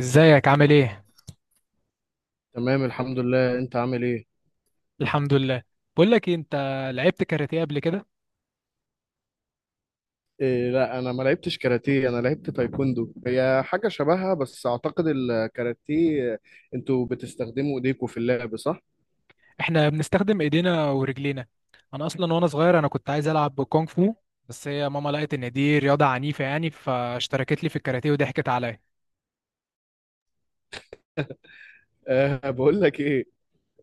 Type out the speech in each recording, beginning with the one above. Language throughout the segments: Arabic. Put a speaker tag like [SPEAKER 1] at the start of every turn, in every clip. [SPEAKER 1] ازيك، عامل ايه؟
[SPEAKER 2] تمام الحمد لله، انت عامل ايه؟
[SPEAKER 1] الحمد لله. بقول لك إيه، انت لعبت كاراتيه قبل كده؟
[SPEAKER 2] إيه، لا انا ما لعبتش كاراتيه، انا لعبت تايكوندو. هي حاجه شبهها بس اعتقد الكاراتيه انتوا بتستخدموا ايديكوا في اللعب، صح؟
[SPEAKER 1] احنا بنستخدم ايدينا ورجلينا. انا اصلا وانا صغير كنت عايز العب كونغ فو. بس هي ماما لقت ان دي رياضه عنيفه، يعني فاشتركت لي في الكاراتيه وضحكت عليا.
[SPEAKER 2] أه، بقول لك ايه.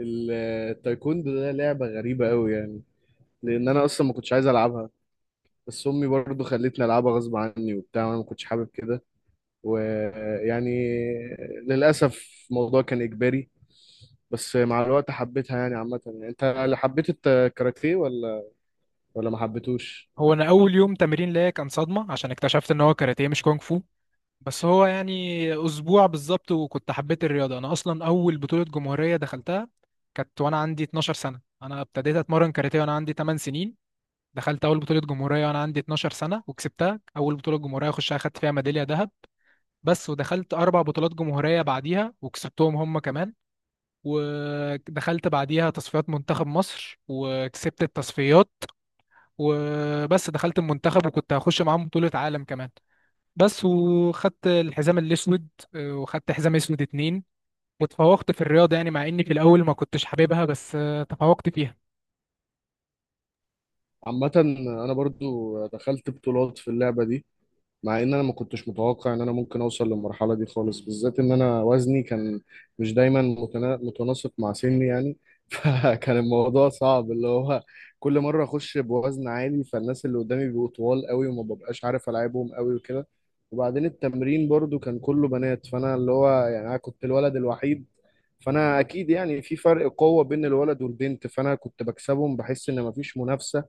[SPEAKER 2] ال- التايكوندو ده لعبه غريبه قوي يعني، لان انا اصلا ما كنتش عايز العبها. بس امي برضو خلتني العبها غصب عني وبتاع، وانا ما كنتش حابب كده، ويعني للاسف الموضوع كان اجباري. بس مع الوقت حبيتها يعني. عامه، يعني انت اللي حبيت الكاراتيه ولا ما حبيتوش؟
[SPEAKER 1] هو انا اول يوم تمرين ليا كان صدمه، عشان اكتشفت ان هو كاراتيه مش كونغ فو. بس هو يعني اسبوع بالظبط وكنت حبيت الرياضه. انا اصلا اول بطوله جمهوريه دخلتها كانت وانا عندي 12 سنه، انا ابتديت اتمرن كاراتيه وانا عندي 8 سنين. دخلت اول بطوله جمهوريه وانا عندي 12 سنه وكسبتها، اول بطوله جمهوريه اخشها خدت فيها ميداليه ذهب. بس ودخلت اربع بطولات جمهوريه بعديها وكسبتهم هم كمان. ودخلت بعديها تصفيات منتخب مصر وكسبت التصفيات. وبس دخلت المنتخب وكنت هخش معاهم بطوله عالم كمان. بس وخدت الحزام الاسود. آه، وخدت حزام اسود اتنين. وتفوقت في الرياضه، يعني مع اني في الاول ما كنتش حاببها بس تفوقت فيها.
[SPEAKER 2] عامة، أنا برضو دخلت بطولات في اللعبة دي، مع ان انا ما كنتش متوقع ان انا ممكن اوصل للمرحله دي خالص، بالذات ان انا وزني كان مش دايما متناسق مع سني يعني. فكان الموضوع صعب. اللي هو كل مره اخش بوزن عالي، فالناس اللي قدامي بيبقوا طوال قوي وما ببقاش عارف العبهم قوي وكده. وبعدين التمرين برضو كان كله بنات، فانا اللي هو يعني انا كنت الولد الوحيد. فانا اكيد يعني في فرق قوه بين الولد والبنت، فانا كنت بكسبهم بحس ان مفيش منافسه.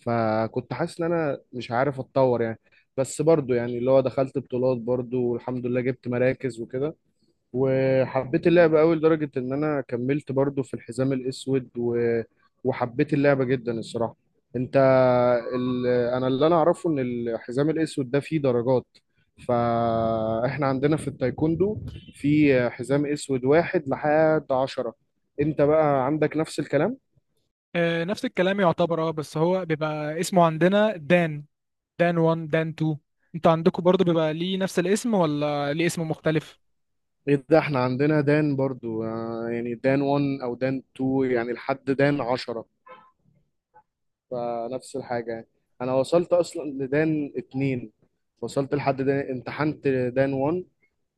[SPEAKER 2] فكنت حاسس ان انا مش عارف اتطور يعني. بس برضو يعني اللي هو دخلت بطولات برضو، والحمد لله جبت مراكز وكده. وحبيت اللعبة قوي لدرجة ان انا كملت برضو في الحزام الاسود وحبيت اللعبة جدا الصراحة. انت انا اللي انا اعرفه ان الحزام الاسود ده فيه درجات. فاحنا عندنا في التايكوندو في حزام اسود واحد لحد عشرة. انت بقى عندك نفس الكلام؟
[SPEAKER 1] آه، نفس الكلام يعتبر، بس هو بيبقى اسمه عندنا دان. دان 1 دان 2. انتوا عندكم برضو بيبقى ليه نفس الاسم ولا ليه اسم مختلف؟
[SPEAKER 2] ايه ده، احنا عندنا دان برضو. يعني دان 1 او دان 2 يعني لحد دان 10. فنفس الحاجة يعني. أنا وصلت أصلا لدان اتنين. وصلت لحد دان، امتحنت دان وان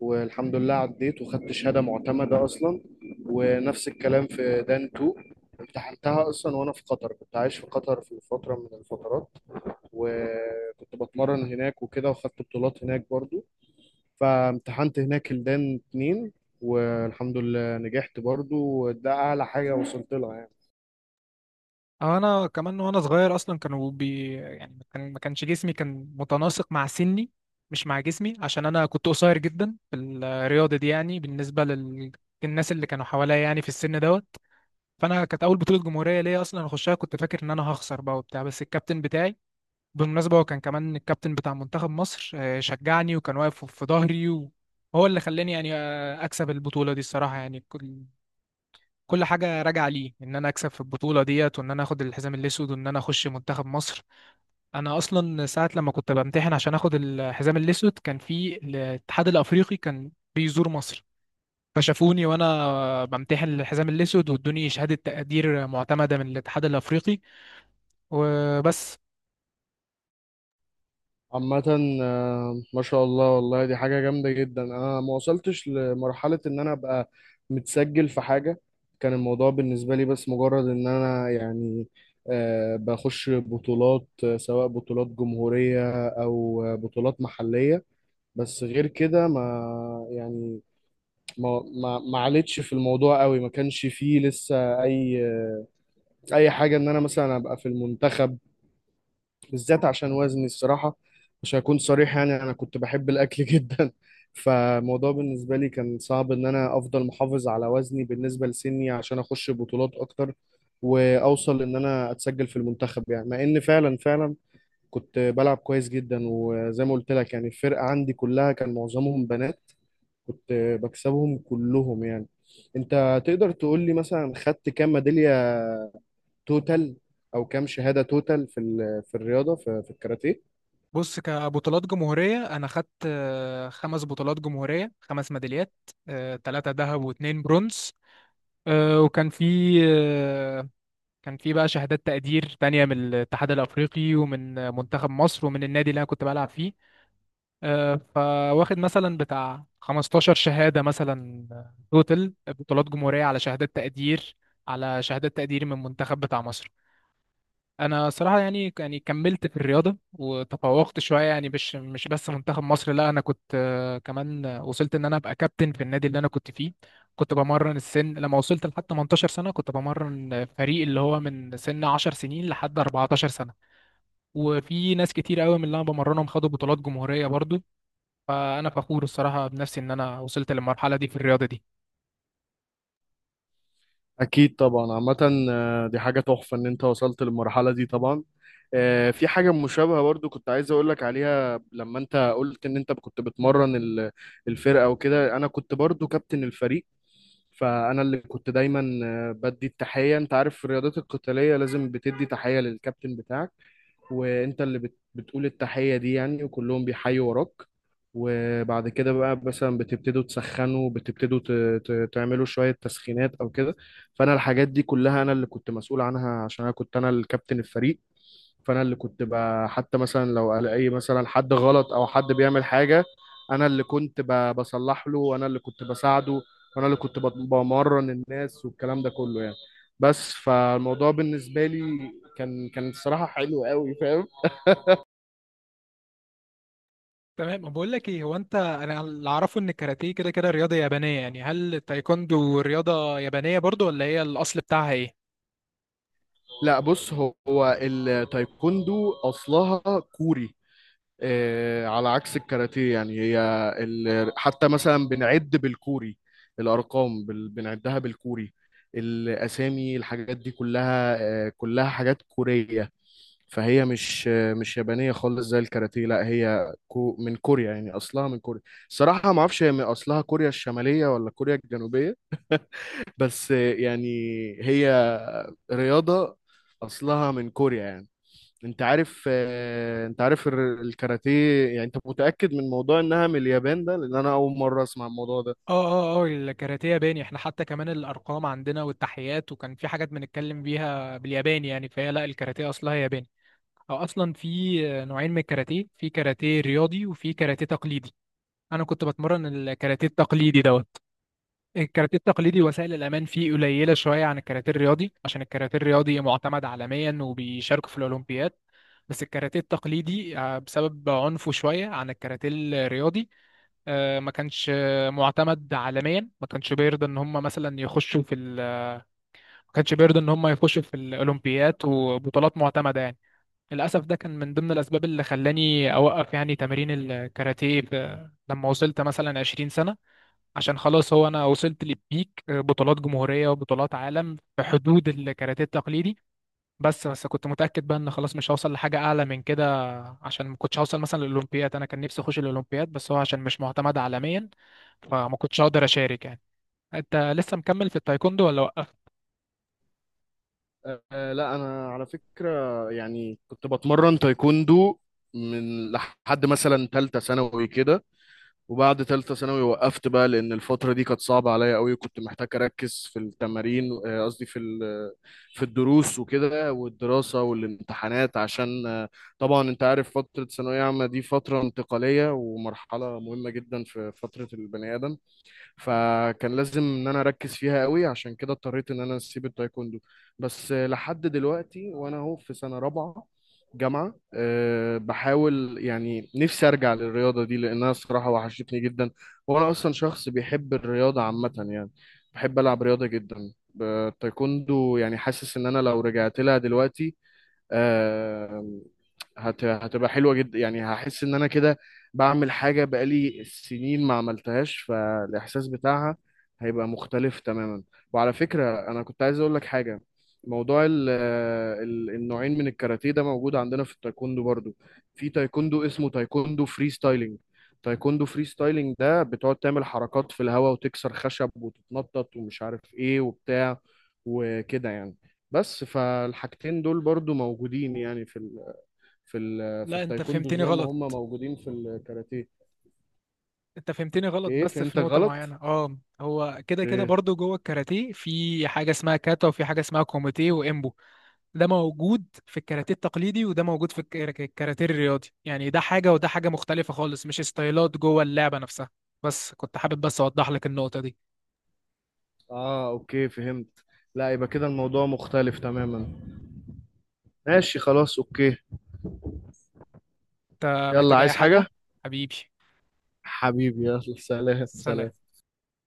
[SPEAKER 2] والحمد لله عديت وخدت شهادة معتمدة أصلا. ونفس الكلام في دان تو، امتحنتها أصلا وأنا في قطر. كنت عايش في قطر في فترة من الفترات، وكنت بتمرن هناك وكده وخدت بطولات هناك برضو. فامتحنت هناك الدان اتنين والحمد لله نجحت برضو. وده أعلى حاجة وصلت لها يعني.
[SPEAKER 1] أه انا كمان وانا صغير اصلا كانوا بي، يعني ما كانش جسمي كان متناسق مع سني، مش مع جسمي، عشان انا كنت قصير جدا في الرياضه دي يعني بالنسبه الناس اللي كانوا حواليا يعني في السن دوت. فانا كانت اول بطوله جمهوريه ليا اصلا اخشها، كنت فاكر ان انا هخسر بقى وبتاع، بس الكابتن بتاعي بالمناسبة هو كان كمان الكابتن بتاع منتخب مصر، شجعني وكان واقف في ظهري وهو اللي خلاني، يعني أكسب البطولة دي الصراحة، يعني كل حاجة راجعة ليه إن أنا أكسب في البطولة ديت وإن أنا آخد الحزام الأسود وإن أنا أخش منتخب مصر. أنا أصلا ساعة لما كنت بمتحن عشان آخد الحزام الأسود، كان في الاتحاد الأفريقي كان بيزور مصر، فشافوني وأنا بمتحن الحزام الأسود، وادوني شهادة تقدير معتمدة من الاتحاد الأفريقي وبس.
[SPEAKER 2] عامة، ما شاء الله، والله دي حاجة جامدة جدا. أنا ما وصلتش لمرحلة إن أنا أبقى متسجل في حاجة. كان الموضوع بالنسبة لي بس مجرد إن أنا يعني بخش بطولات، سواء بطولات جمهورية أو بطولات محلية. بس غير كده، ما يعني ما عليتش في الموضوع قوي. ما كانش فيه لسه أي أي حاجة إن أنا مثلا أبقى في المنتخب، بالذات عشان وزني الصراحة. مش هكون صريح، يعني أنا كنت بحب الأكل جدا. فالموضوع بالنسبة لي كان صعب إن أنا أفضل محافظ على وزني بالنسبة لسني عشان أخش بطولات أكتر وأوصل إن أنا أتسجل في المنتخب يعني. مع إن فعلا فعلا كنت بلعب كويس جدا، وزي ما قلت لك يعني الفرقة عندي كلها كان معظمهم بنات. كنت بكسبهم كلهم يعني. أنت تقدر تقول لي مثلا خدت كام ميدالية توتال أو كام شهادة توتال في في الرياضة في الكاراتيه؟
[SPEAKER 1] بص، كبطولات جمهورية أنا خدت خمس بطولات جمهورية، خمس ميداليات، ثلاثة ذهب واتنين برونز. آه، وكان في آه، كان في بقى شهادات تقدير تانية من الاتحاد الأفريقي ومن منتخب مصر ومن النادي اللي أنا كنت بلعب فيه. فواخد مثلا بتاع 15 شهادة مثلا، توتال بطولات جمهورية على شهادات تقدير، من منتخب بتاع مصر. انا صراحه يعني كملت في الرياضه وتفوقت شويه، يعني مش بس منتخب مصر، لا انا كنت كمان وصلت ان انا ابقى كابتن في النادي اللي انا كنت فيه. كنت بمرن السن لما وصلت لحد 18 سنه، كنت بمرن فريق اللي هو من سن 10 سنين لحد 14 سنه. وفي ناس كتير قوي من اللي انا بمرنهم خدوا بطولات جمهوريه برضو. فانا فخور الصراحه بنفسي ان انا وصلت للمرحله دي في الرياضه دي.
[SPEAKER 2] أكيد طبعا. عامة، دي حاجة تحفة إن أنت وصلت للمرحلة دي طبعا. في حاجة مشابهة برضو كنت عايز أقولك عليها. لما أنت قلت إن أنت كنت بتمرن الفرقة وكده، أنا كنت برضو كابتن الفريق. فأنا اللي كنت دايما بدي التحية. أنت عارف في الرياضات القتالية لازم بتدي تحية للكابتن بتاعك، وانت اللي بتقول التحية دي يعني، وكلهم بيحيوا وراك. وبعد كده بقى مثلا بتبتدوا تسخنوا، بتبتدوا تعملوا شوية تسخينات او كده. فانا الحاجات دي كلها انا اللي كنت مسؤول عنها عشان انا كنت انا الكابتن الفريق. فانا اللي كنت بقى حتى مثلا لو الاقي مثلا حد غلط او حد بيعمل حاجة، انا اللي كنت بصلح له وانا اللي كنت بساعده. وانا اللي كنت بمرن الناس والكلام ده كله يعني. بس فالموضوع بالنسبة لي كان الصراحة حلو قوي، فاهم.
[SPEAKER 1] تمام. بقول لك ايه، هو انت انا اللي اعرفه ان الكاراتيه كده كده رياضه يابانيه، يعني هل التايكوندو رياضه يابانيه برضو ولا هي الاصل بتاعها ايه؟
[SPEAKER 2] لا بص، هو التايكوندو اصلها كوري. على عكس الكاراتيه، يعني هي حتى مثلا بنعد بالكوري، الارقام بنعدها بالكوري، الاسامي، الحاجات دي كلها كلها حاجات كوريه. فهي مش مش يابانيه خالص زي الكاراتيه، لا هي من كوريا يعني، اصلها من كوريا. صراحه ما اعرفش هي من اصلها كوريا الشماليه ولا كوريا الجنوبيه. بس يعني هي رياضه اصلها من كوريا يعني. انت عارف الكاراتيه، يعني انت متأكد من موضوع انها من اليابان ده؟ لان انا اول مرة اسمع الموضوع ده.
[SPEAKER 1] اه اه اه، الكاراتيه ياباني. احنا حتى كمان الارقام عندنا والتحيات، وكان في حاجات بنتكلم بيها بالياباني، يعني فهي لا، الكاراتيه اصلها ياباني. او اصلا في نوعين من الكاراتيه، في كاراتيه رياضي وفي كاراتيه تقليدي. انا كنت بتمرن الكاراتيه التقليدي دوت. الكاراتيه التقليدي وسائل الامان فيه قليله شويه عن الكاراتيه الرياضي، عشان الكاراتيه الرياضي معتمد عالميا وبيشاركوا في الاولمبياد. بس الكاراتيه التقليدي، بسبب عنفه شويه عن الكاراتيه الرياضي، ما كانش معتمد عالميا، ما كانش بيرضى ان هم مثلا يخشوا ما كانش بيرضى ان هم يخشوا في الاولمبياد وبطولات معتمده يعني. للاسف ده كان من ضمن الاسباب اللي خلاني اوقف يعني تمارين الكاراتيه لما وصلت مثلا 20 سنه، عشان خلاص هو انا وصلت للبيك، بطولات جمهوريه وبطولات عالم في حدود الكاراتيه التقليدي. بس كنت متاكد بقى ان خلاص مش هوصل لحاجه اعلى من كده، عشان ما كنتش هوصل مثلا للاولمبياد. انا كان نفسي اخش الاولمبياد، بس هو عشان مش معتمد عالميا فما كنتش هقدر اشارك يعني. انت لسه مكمل في التايكوندو ولا وقفت؟
[SPEAKER 2] لا انا على فكرة يعني كنت بتمرن تايكوندو من لحد مثلا تالتة ثانوي كده. وبعد تالتة ثانوي وقفت بقى، لأن الفترة دي كانت صعبة عليا قوي. كنت محتاج أركز في التمارين، قصدي في في الدروس وكده والدراسة والامتحانات، عشان طبعا أنت عارف فترة ثانوية عامة دي فترة انتقالية ومرحلة مهمة جدا في فترة البني آدم. فكان لازم ان انا اركز فيها قوي، عشان كده اضطريت ان انا اسيب التايكوندو. بس لحد دلوقتي وانا اهو في سنة رابعة جامعة، أه بحاول يعني نفسي أرجع للرياضة دي لأنها الصراحة وحشتني جدا. وأنا أصلا شخص بيحب الرياضة عامة يعني، بحب ألعب رياضة جدا. التايكوندو يعني حاسس إن أنا لو رجعت لها دلوقتي آه، هتبقى حلوة جدا يعني. هحس ان انا كده بعمل حاجة بقالي سنين ما عملتهاش، فالاحساس بتاعها هيبقى مختلف تماما. وعلى فكرة انا كنت عايز اقول لك حاجة. موضوع ال النوعين من الكاراتيه ده موجود عندنا في التايكوندو برضو. في تايكوندو اسمه تايكوندو فري ستايلينج. تايكوندو فري ستايلينج ده بتقعد تعمل حركات في الهواء وتكسر خشب وتتنطط ومش عارف ايه وبتاع وكده يعني. بس فالحاجتين دول برضو موجودين يعني في
[SPEAKER 1] لا انت
[SPEAKER 2] التايكوندو
[SPEAKER 1] فهمتني
[SPEAKER 2] زي ما هم
[SPEAKER 1] غلط،
[SPEAKER 2] موجودين في الكاراتيه.
[SPEAKER 1] انت فهمتني غلط
[SPEAKER 2] ايه،
[SPEAKER 1] بس في
[SPEAKER 2] فهمتك
[SPEAKER 1] نقطة
[SPEAKER 2] غلط؟
[SPEAKER 1] معينة. اه، هو كده كده
[SPEAKER 2] ايه.
[SPEAKER 1] برضو جوه الكاراتيه في حاجة اسمها كاتا وفي حاجة اسمها كوميتيه وامبو. ده موجود في الكاراتيه التقليدي وده موجود في الكاراتيه الرياضي، يعني ده حاجة وده حاجة مختلفة خالص، مش ستايلات جوه اللعبة نفسها. بس كنت حابب بس أوضح لك النقطة دي.
[SPEAKER 2] اه اوكي فهمت. لا يبقى كده الموضوع مختلف تماما. ماشي خلاص، اوكي.
[SPEAKER 1] أنت
[SPEAKER 2] يلا،
[SPEAKER 1] محتاج أي
[SPEAKER 2] عايز حاجة
[SPEAKER 1] حاجة؟ حبيبي.
[SPEAKER 2] حبيبي؟ يلا، سلام سلام.
[SPEAKER 1] سلام.